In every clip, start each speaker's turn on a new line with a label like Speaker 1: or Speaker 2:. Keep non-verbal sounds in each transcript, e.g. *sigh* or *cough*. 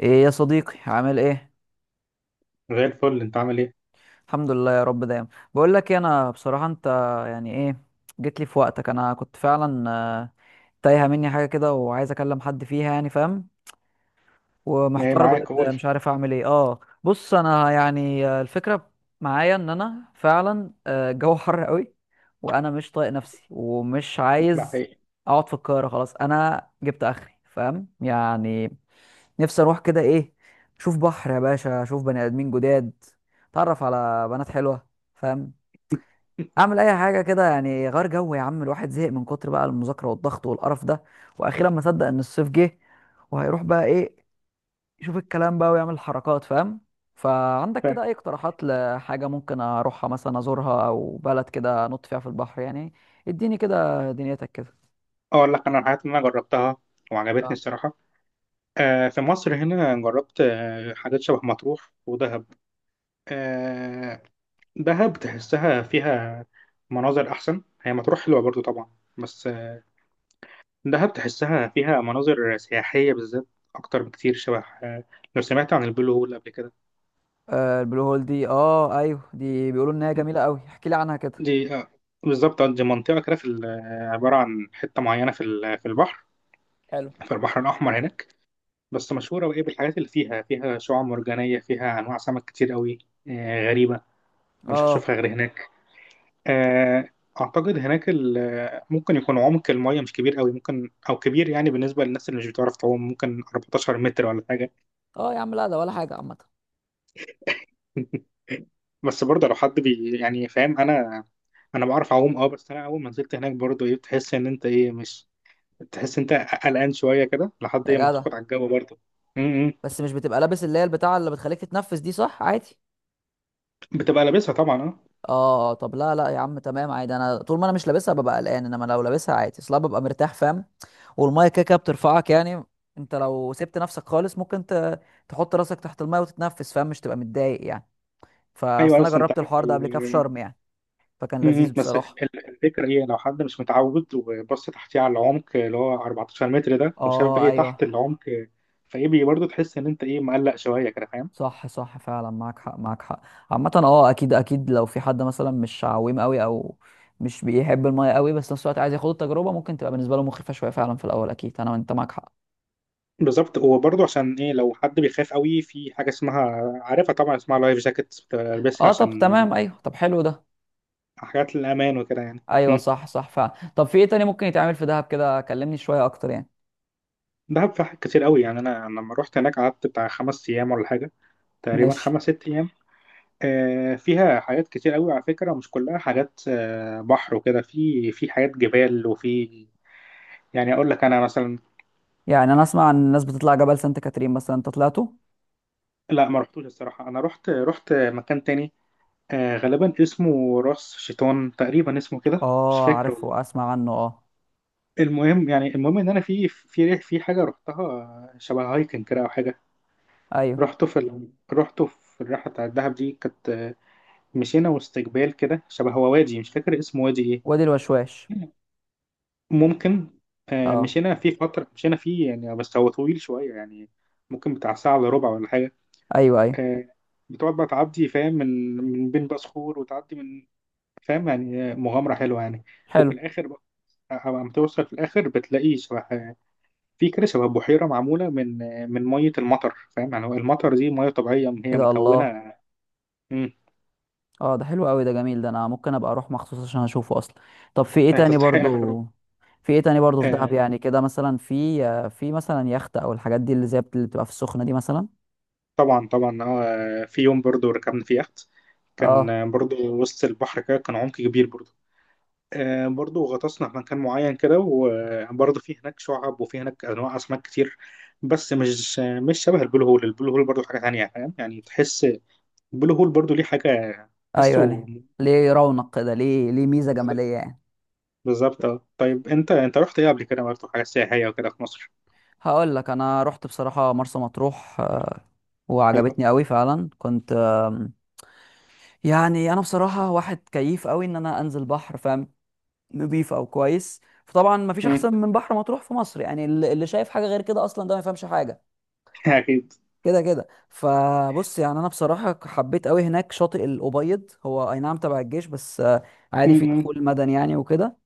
Speaker 1: ايه يا صديقي، عامل ايه؟
Speaker 2: زي الفل انت عامل ايه؟
Speaker 1: الحمد لله يا رب دايما. بقول لك إيه، انا بصراحه انت يعني ايه. جيت لي في وقتك، انا كنت فعلا تايهه مني حاجه كده وعايز اكلم حد فيها، يعني فاهم.
Speaker 2: ايه
Speaker 1: ومحتار
Speaker 2: معاك
Speaker 1: بجد،
Speaker 2: قول
Speaker 1: مش
Speaker 2: *laughs*
Speaker 1: عارف اعمل ايه. اه بص انا يعني الفكره معايا ان انا فعلا الجو حر قوي، وانا مش طايق نفسي ومش
Speaker 2: ده
Speaker 1: عايز
Speaker 2: حقيقي
Speaker 1: اقعد في القاهره. خلاص انا جبت اخري فاهم يعني. نفسي اروح كده ايه، اشوف بحر يا باشا، اشوف بني ادمين جداد، اتعرف على بنات حلوه، فاهم. اعمل اي حاجه كده يعني غير جو. يا عم الواحد زهق من كتر بقى المذاكره والضغط والقرف ده، واخيرا ما صدق ان الصيف جه، وهيروح بقى ايه، يشوف الكلام بقى ويعمل حركات فاهم. فعندك كده
Speaker 2: فاهم.
Speaker 1: اي اقتراحات لحاجه ممكن اروحها مثلا، ازورها، او بلد كده انط فيها في البحر يعني؟ اديني كده دنيتك كده.
Speaker 2: اقول لك انا الحاجات اللي انا جربتها وعجبتني
Speaker 1: اه،
Speaker 2: الصراحه. في مصر هنا جربت حاجات شبه مطروح ودهب. آه دهب تحسها فيها مناظر احسن، هي مطروح حلوه برضو طبعا، بس دهب تحسها فيها مناظر سياحيه بالذات اكتر بكتير شبه آه لو سمعت عن البلو هول قبل كده.
Speaker 1: آه البلو هول دي، اه ايوه دي بيقولوا انها جميله قوي، احكي لي عنها كده.
Speaker 2: دي بالظبط. دي منطقه كده في عباره عن حته معينه في البحر، في البحر الاحمر هناك، بس مشهورة وإيه بالحاجات اللي فيها، فيها شعاب مرجانية، فيها أنواع سمك كتير قوي، غريبة مش
Speaker 1: اه
Speaker 2: هشوفها غير هناك. آه، أعتقد هناك ممكن يكون عمق المية مش كبير قوي، ممكن أو كبير يعني بالنسبة للناس اللي مش بتعرف تعوم، ممكن 14 متر ولا حاجة.
Speaker 1: اه يا عم، لا ده ولا حاجه عامه.
Speaker 2: *laughs* بس برضه لو حد بي يعني فاهم. أنا بعرف أعوم أه، بس أنا أول ما نزلت هناك برضه إيه بتحس إن أنت إيه مش تحس أنت قلقان شوية كده لحد
Speaker 1: يا
Speaker 2: إيه ما
Speaker 1: جدع،
Speaker 2: تاخد على الجو برضه. م- م.
Speaker 1: بس مش بتبقى لابس اللي هي البتاعه اللي بتخليك تتنفس دي، صح؟ عادي.
Speaker 2: بتبقى لابسها طبعا أه.
Speaker 1: اه طب لا لا يا عم، تمام عادي. انا طول ما انا مش لابسها ببقى قلقان، انما لو لابسها عادي اصلا ببقى مرتاح فاهم. والميه كده كده بترفعك يعني. انت لو سبت نفسك خالص ممكن تحط راسك تحت الميه وتتنفس فاهم، مش تبقى متضايق يعني.
Speaker 2: أيوه
Speaker 1: فاصل، انا
Speaker 2: بس أنت
Speaker 1: جربت
Speaker 2: عارف
Speaker 1: الحوار ده قبل كده في شرم يعني، فكان
Speaker 2: مم.
Speaker 1: لذيذ بصراحه.
Speaker 2: الفكرة هي لو حد مش متعود وبص تحتيه على العمق اللي هو 14 متر ده، وشاف بقى
Speaker 1: اه
Speaker 2: ايه تحت
Speaker 1: ايوه،
Speaker 2: العمق، فايه برضه تحس ان انت ايه مقلق شوية كده فاهم.
Speaker 1: صح صح فعلا، معاك حق معاك حق. عامة اكيد اكيد، لو في حد مثلا مش عويم قوي او مش بيحب المية قوي، بس في نفس الوقت عايز ياخد التجربة، ممكن تبقى بالنسبة له مخيفة شوية فعلا في الاول اكيد. انت معاك حق.
Speaker 2: بالظبط، هو برضه عشان ايه لو حد بيخاف قوي في حاجة اسمها، عارفها طبعا، اسمها لايف جاكيت، بتلبسها
Speaker 1: اه
Speaker 2: عشان
Speaker 1: طب تمام ايوه، طب حلو ده.
Speaker 2: حاجات الأمان وكده يعني.
Speaker 1: ايوه
Speaker 2: مم.
Speaker 1: صح صح فعلا. طب في ايه تاني ممكن يتعمل في دهب كده؟ كلمني شوية اكتر يعني.
Speaker 2: دهب في حاجات كتير قوي يعني. انا لما رحت هناك قعدت بتاع خمس ايام ولا حاجة، تقريبا
Speaker 1: ماشي.
Speaker 2: خمس ست ايام. فيها حاجات كتير قوي على فكرة، مش كلها حاجات بحر وكده، في حاجات جبال وفي يعني اقول لك انا مثلا.
Speaker 1: يعني انا اسمع عن الناس بتطلع جبل سانت كاترين مثلا، انت طلعته؟
Speaker 2: لا ما رحتوش الصراحة، انا رحت مكان تاني، غالبا اسمه راس شيطان، تقريبا اسمه كده، مش
Speaker 1: اه
Speaker 2: فاكر والله.
Speaker 1: عارفه، اسمع عنه اه.
Speaker 2: المهم يعني المهم ان انا في حاجة رحتها شبه هايكنج كده او حاجة.
Speaker 1: ايوه
Speaker 2: رحته في الرحلة بتاعت الدهب دي، كانت مشينا وسط جبال كده، شبه هو وادي مش فاكر اسمه، وادي
Speaker 1: وادي الوشواش.
Speaker 2: ايه، ممكن.
Speaker 1: اه
Speaker 2: مشينا فيه فترة، مشينا فيه يعني بس هو طويل شوية يعني، ممكن بتاع ساعة إلا ربع ولا حاجة.
Speaker 1: ايوه ايوه.
Speaker 2: آه، بتقعد بقى تعدي فاهم، من بين بقى صخور وتعدي من، فاهم يعني، مغامرة حلوة يعني. وفي
Speaker 1: حلو.
Speaker 2: الآخر بقى أما توصل في الآخر بتلاقي شبه، في كده شبه بحيرة معمولة من، من مية المطر فاهم يعني، هو المطر دي مية طبيعية يعني
Speaker 1: ايه
Speaker 2: هي
Speaker 1: ده، الله.
Speaker 2: مكونة. مم،
Speaker 1: اه ده حلو قوي، ده جميل، ده انا ممكن ابقى اروح مخصوص عشان اشوفه اصلا. طب في ايه تاني
Speaker 2: تستحق إنك تروح.
Speaker 1: برضو؟ في ايه تاني برضو في دهب
Speaker 2: آه،
Speaker 1: يعني، كده مثلا في في مثلا يخت او الحاجات دي اللي زي اللي بتبقى في السخنة دي مثلا؟
Speaker 2: طبعا طبعا اه، في يوم برضو ركبنا في يخت، كان
Speaker 1: اه
Speaker 2: برضو وسط البحر كده، كان عمق كبير برضو. برضو غطسنا في مكان معين كده، وبرضو في هناك شعاب وفي هناك انواع اسماك كتير، بس مش شبه البلو هول. البلو هول برضو حاجه تانية فاهم يعني تحس. البلو هول برضو ليه حاجه
Speaker 1: ايوه.
Speaker 2: تحسه.
Speaker 1: ليه؟ ليه رونق كده، ليه ميزة جمالية يعني.
Speaker 2: بالظبط آه. طيب انت رحت ايه قبل كده برضو حاجه سياحيه وكده في مصر؟
Speaker 1: هقول لك، انا رحت بصراحة مرسى مطروح
Speaker 2: حلو.
Speaker 1: وعجبتني قوي فعلا. كنت يعني انا بصراحة واحد كيف قوي ان انا انزل بحر فاهم، نضيف او كويس. فطبعا مفيش
Speaker 2: مم.
Speaker 1: احسن من بحر مطروح في مصر يعني، اللي شايف حاجة غير كده اصلا ده ما يفهمش حاجة.
Speaker 2: *laughs* اكيد.
Speaker 1: كده كده فبص، يعني انا بصراحه حبيت قوي هناك شاطئ الابيض. هو اي نعم تبع الجيش، بس عادي
Speaker 2: مم.
Speaker 1: في
Speaker 2: مم.
Speaker 1: دخول مدني يعني وكده.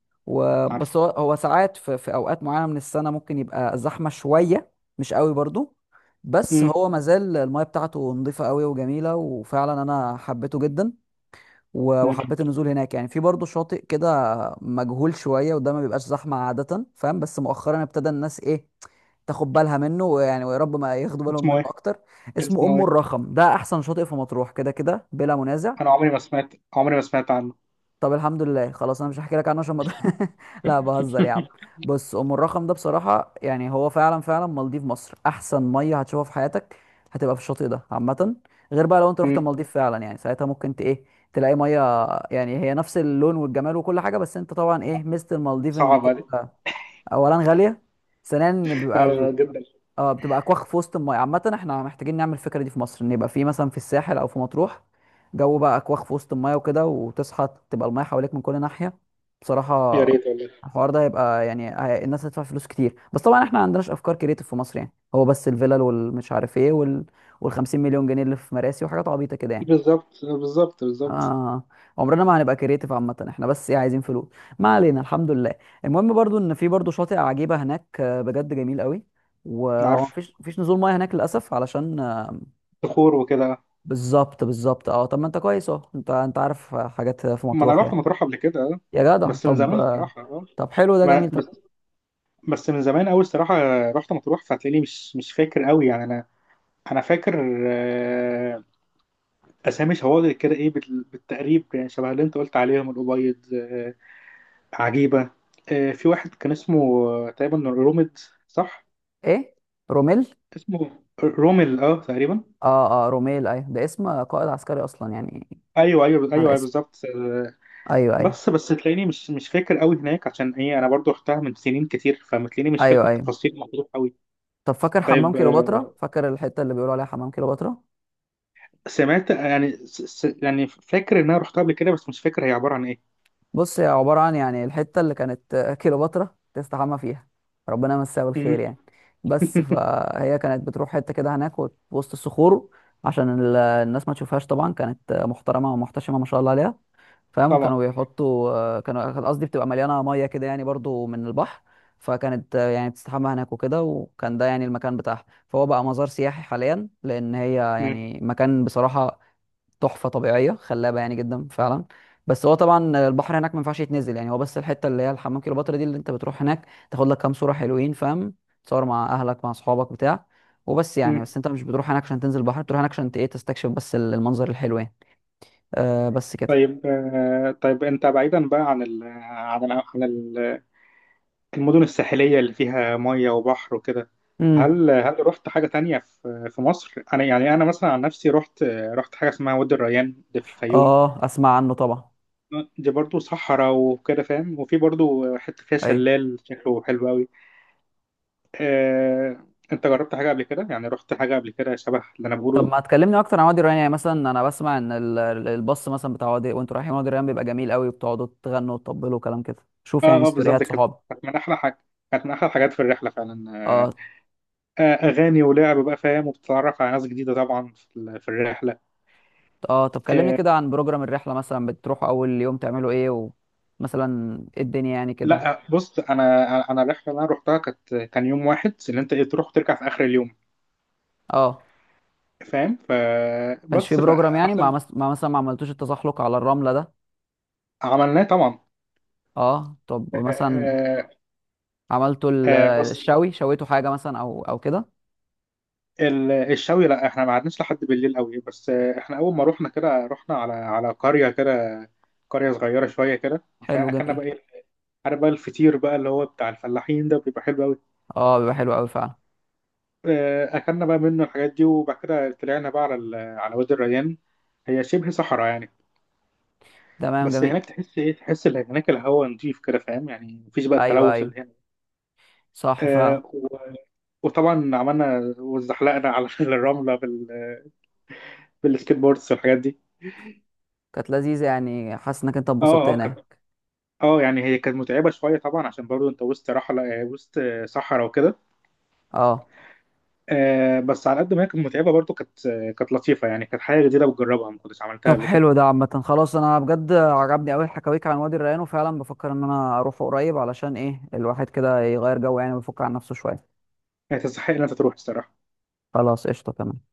Speaker 2: عارفه.
Speaker 1: وبس هو ساعات في اوقات معينه من السنه ممكن يبقى زحمه شويه، مش قوي برضو. بس
Speaker 2: مم.
Speaker 1: هو مازال المايه بتاعته نظيفه قوي وجميله، وفعلا انا حبيته جدا.
Speaker 2: مم.
Speaker 1: وحبيت النزول هناك يعني. في برضه شاطئ كده مجهول شويه وده ما بيبقاش زحمه عاده فاهم، بس مؤخرا ابتدى الناس ايه، تاخد بالها منه، ويعني ويا رب ما ياخدوا بالهم
Speaker 2: اسمه
Speaker 1: منه
Speaker 2: ايه؟
Speaker 1: اكتر. اسمه
Speaker 2: اسمه
Speaker 1: ام
Speaker 2: ايه؟
Speaker 1: الرخم، ده احسن شاطئ في مطروح كده كده بلا منازع.
Speaker 2: انا عمري ما سمعت عنه.
Speaker 1: طب الحمد لله، خلاص انا مش هحكي لك عنه عشان ما *laughs* لا بهزر يا عم. بص ام الرخم ده بصراحه يعني، هو فعلا فعلا مالديف مصر، احسن ميه هتشوفها في حياتك هتبقى في الشاطئ ده عامه. غير بقى لو انت رحت
Speaker 2: مم.
Speaker 1: المالديف فعلا، يعني ساعتها ممكن ت ايه، تلاقي ميه يعني هي نفس اللون والجمال وكل حاجه. بس انت طبعا ايه ميزه المالديف،
Speaker 2: صعب
Speaker 1: انك
Speaker 2: عليك.
Speaker 1: انت اولا غاليه، ثانيا إن بيبقى،
Speaker 2: *laughs* جدا.
Speaker 1: اه بتبقى اكواخ في وسط المايه. عامه احنا محتاجين نعمل الفكره دي في مصر، ان يبقى في مثلا في الساحل او في مطروح جو بقى اكواخ في وسط المايه وكده، وتصحى تبقى المايه حواليك من كل ناحيه.
Speaker 2: يا
Speaker 1: بصراحه
Speaker 2: ريت والله.
Speaker 1: الحوار ده هيبقى يعني الناس هتدفع فلوس كتير. بس طبعا احنا ما عندناش افكار كريتيف في مصر، يعني هو بس الفيلل والمش عارف ايه وال 50 مليون جنيه اللي في مراسي وحاجات عبيطه كده يعني.
Speaker 2: بالظبط بالظبط بالظبط.
Speaker 1: آه عمرنا ما هنبقى كريتيف. عامة احنا بس ايه، عايزين فلوس. ما علينا الحمد لله. المهم برضو ان في برضو شاطئ عجيبة هناك بجد جميل قوي، وهو
Speaker 2: عارف
Speaker 1: مفيش نزول ميه هناك للاسف علشان
Speaker 2: صخور وكده.
Speaker 1: بالظبط بالظبط. اه طب ما انت كويس اهو، انت عارف حاجات في
Speaker 2: ما انا
Speaker 1: مطروح
Speaker 2: رحت
Speaker 1: يعني.
Speaker 2: مطروح قبل كده آه،
Speaker 1: يا جدع
Speaker 2: بس من
Speaker 1: طب
Speaker 2: زمان الصراحه اه.
Speaker 1: طب حلو ده
Speaker 2: ما-
Speaker 1: جميل. طب
Speaker 2: بس بس من زمان قوي الصراحه، رحت مطروح، فهتلاقيني مش فاكر قوي يعني. انا فاكر آه، اسامي شواطئ كده ايه بالتقريب يعني، شبه اللي انت قلت عليهم الابيض، عجيبه، في واحد كان اسمه تقريبا رومد، صح؟
Speaker 1: ايه، روميل؟
Speaker 2: اسمه رومل اه تقريبا.
Speaker 1: اه اه روميل، ايوه ده اسم قائد عسكري اصلا يعني،
Speaker 2: ايوه ايوه ايوه
Speaker 1: على
Speaker 2: أيوه،
Speaker 1: اسم.
Speaker 2: بالظبط.
Speaker 1: ايوه ايوه
Speaker 2: بس تلاقيني مش فاكر قوي هناك، عشان ايه انا برضو رحتها من سنين كتير، فمتلاقيني مش
Speaker 1: ايوه
Speaker 2: فاكر
Speaker 1: ايوه.
Speaker 2: تفاصيل مطروح قوي.
Speaker 1: طب فاكر حمام
Speaker 2: طيب
Speaker 1: كيلوباترا؟ فاكر الحتة اللي بيقولوا عليها حمام كيلوباترا؟
Speaker 2: سمعت يعني يعني فاكر ان انا رحتها قبل كده، بس مش فاكر هي عباره عن ايه.
Speaker 1: بص هي عبارة عن، يعني الحتة اللي كانت كليوباترا تستحمى فيها، ربنا يمسها بالخير
Speaker 2: مم.
Speaker 1: يعني. بس
Speaker 2: *laughs*
Speaker 1: فهي كانت بتروح حتة كده هناك وسط الصخور عشان الناس ما تشوفهاش. طبعا كانت محترمة ومحتشمة ما شاء الله عليها فاهم.
Speaker 2: طبعا.
Speaker 1: كانوا بيحطوا آه، كانوا قصدي بتبقى مليانة مية كده يعني برضو من البحر. فكانت يعني بتستحمى هناك وكده، وكان ده يعني المكان بتاعها، فهو بقى مزار سياحي حاليا، لأن هي
Speaker 2: مم.
Speaker 1: يعني مكان بصراحة تحفه طبيعيه خلابه يعني، جدا فعلا. بس هو طبعا البحر هناك ما ينفعش يتنزل يعني، هو بس الحته اللي هي الحمام كليوباترا دي اللي انت بتروح هناك تاخد لك كام صوره حلوين فاهم، تصور مع اهلك مع اصحابك بتاع. وبس يعني،
Speaker 2: مم.
Speaker 1: بس انت مش بتروح هناك عشان تنزل البحر، بتروح هناك عشان ايه تستكشف بس المنظر الحلو يعني. آه بس كده.
Speaker 2: طيب طيب انت بعيدا بقى عن المدن الساحليه اللي فيها ميه وبحر وكده،
Speaker 1: امم
Speaker 2: هل رحت حاجه تانية في مصر؟ انا يعني انا مثلا عن نفسي رحت، رحت حاجه اسمها وادي الريان، ده في الفيوم.
Speaker 1: اه اسمع عنه طبعا.
Speaker 2: دي برضو صحراء وكده فاهم، وفي برضو حته فيها
Speaker 1: ايوه
Speaker 2: شلال شكله حلو قوي. آه، انت جربت حاجه قبل كده، يعني رحت حاجه قبل كده شبه اللي انا بقوله
Speaker 1: طب
Speaker 2: ده؟
Speaker 1: ما تكلمني اكتر عن وادي الريان يعني. مثلا انا بسمع ان الباص مثلا بتاع وادي وانتوا رايحين وادي الريان بيبقى جميل قوي، وبتقعدوا تغنوا وتطبلوا وكلام كده، شوف يعني
Speaker 2: اه اه بالظبط
Speaker 1: ستوريات
Speaker 2: كده،
Speaker 1: صحابي.
Speaker 2: كانت من احلى حاجه، كانت من احلى الحاجات في الرحله فعلا آه.
Speaker 1: اه
Speaker 2: اغاني ولعب بقى فاهم، وبتتعرف على ناس جديده طبعا في الرحله.
Speaker 1: اه. طب كلمني
Speaker 2: آه
Speaker 1: كده عن بروجرام الرحلة، مثلا بتروحوا أول يوم تعملوا ايه، ومثلا ايه الدنيا يعني كده.
Speaker 2: لا، بص. انا الرحله اللي انا رحتها كانت، كان يوم واحد اللي انت إيه، تروح وترجع في اخر اليوم
Speaker 1: اه
Speaker 2: فاهم،
Speaker 1: كانش في
Speaker 2: فبس
Speaker 1: بروجرام يعني،
Speaker 2: فاحسن.
Speaker 1: مع مثلا ما عملتوش التزحلق على الرملة ده؟
Speaker 2: عملناه طبعا.
Speaker 1: اه طب
Speaker 2: آه
Speaker 1: مثلا،
Speaker 2: آه.
Speaker 1: عملتوا
Speaker 2: بص.
Speaker 1: الشوي، شويتوا حاجة مثلا أو كده؟
Speaker 2: الشوي لا احنا ما قعدناش لحد بالليل قوي، بس احنا اول ما رحنا كده رحنا على على قريه كده، قريه صغيره شويه كده،
Speaker 1: حلو
Speaker 2: فاكلنا
Speaker 1: جميل.
Speaker 2: بقى ايه، عارف بقى الفطير بقى اللي هو بتاع الفلاحين ده بيبقى حلو قوي.
Speaker 1: اه بيبقى حلو أوي فعلا.
Speaker 2: اكلنا بقى منه الحاجات دي، وبعد كده طلعنا بقى على على وادي الريان، هي شبه صحراء يعني.
Speaker 1: تمام
Speaker 2: بس
Speaker 1: جميل.
Speaker 2: هناك تحس ايه، تحس ان هناك الهواء نضيف كده فاهم يعني، مفيش بقى
Speaker 1: أيوه
Speaker 2: التلوث
Speaker 1: أيوه،
Speaker 2: اللي هنا.
Speaker 1: صح فعلا.
Speaker 2: آه، و- وطبعا عملنا وزحلقنا على *laughs* الرمله بالسكيت بوردز والحاجات دي.
Speaker 1: كانت لذيذة، يعني حاسس إنك أنت اتبسطت
Speaker 2: اه اه كانت،
Speaker 1: هناك.
Speaker 2: اه يعني هي كانت متعبة شوية طبعا عشان برضو انت وسط رحلة وسط صحراء وكده.
Speaker 1: اه
Speaker 2: بس على قد ما هي كانت متعبة، برضو كانت كانت لطيفة يعني، كانت حاجة جديدة بتجربها ما كنتش عملتها
Speaker 1: طب
Speaker 2: قبل كده.
Speaker 1: حلو ده. عامة خلاص، انا بجد عجبني قوي حكاويك عن وادي الريان، وفعلا بفكر ان انا اروح قريب علشان ايه، الواحد كده يغير جو يعني ويفك عن نفسه شوية.
Speaker 2: هي تستحق ان انت تروح الصراحة.
Speaker 1: خلاص قشطة تمام.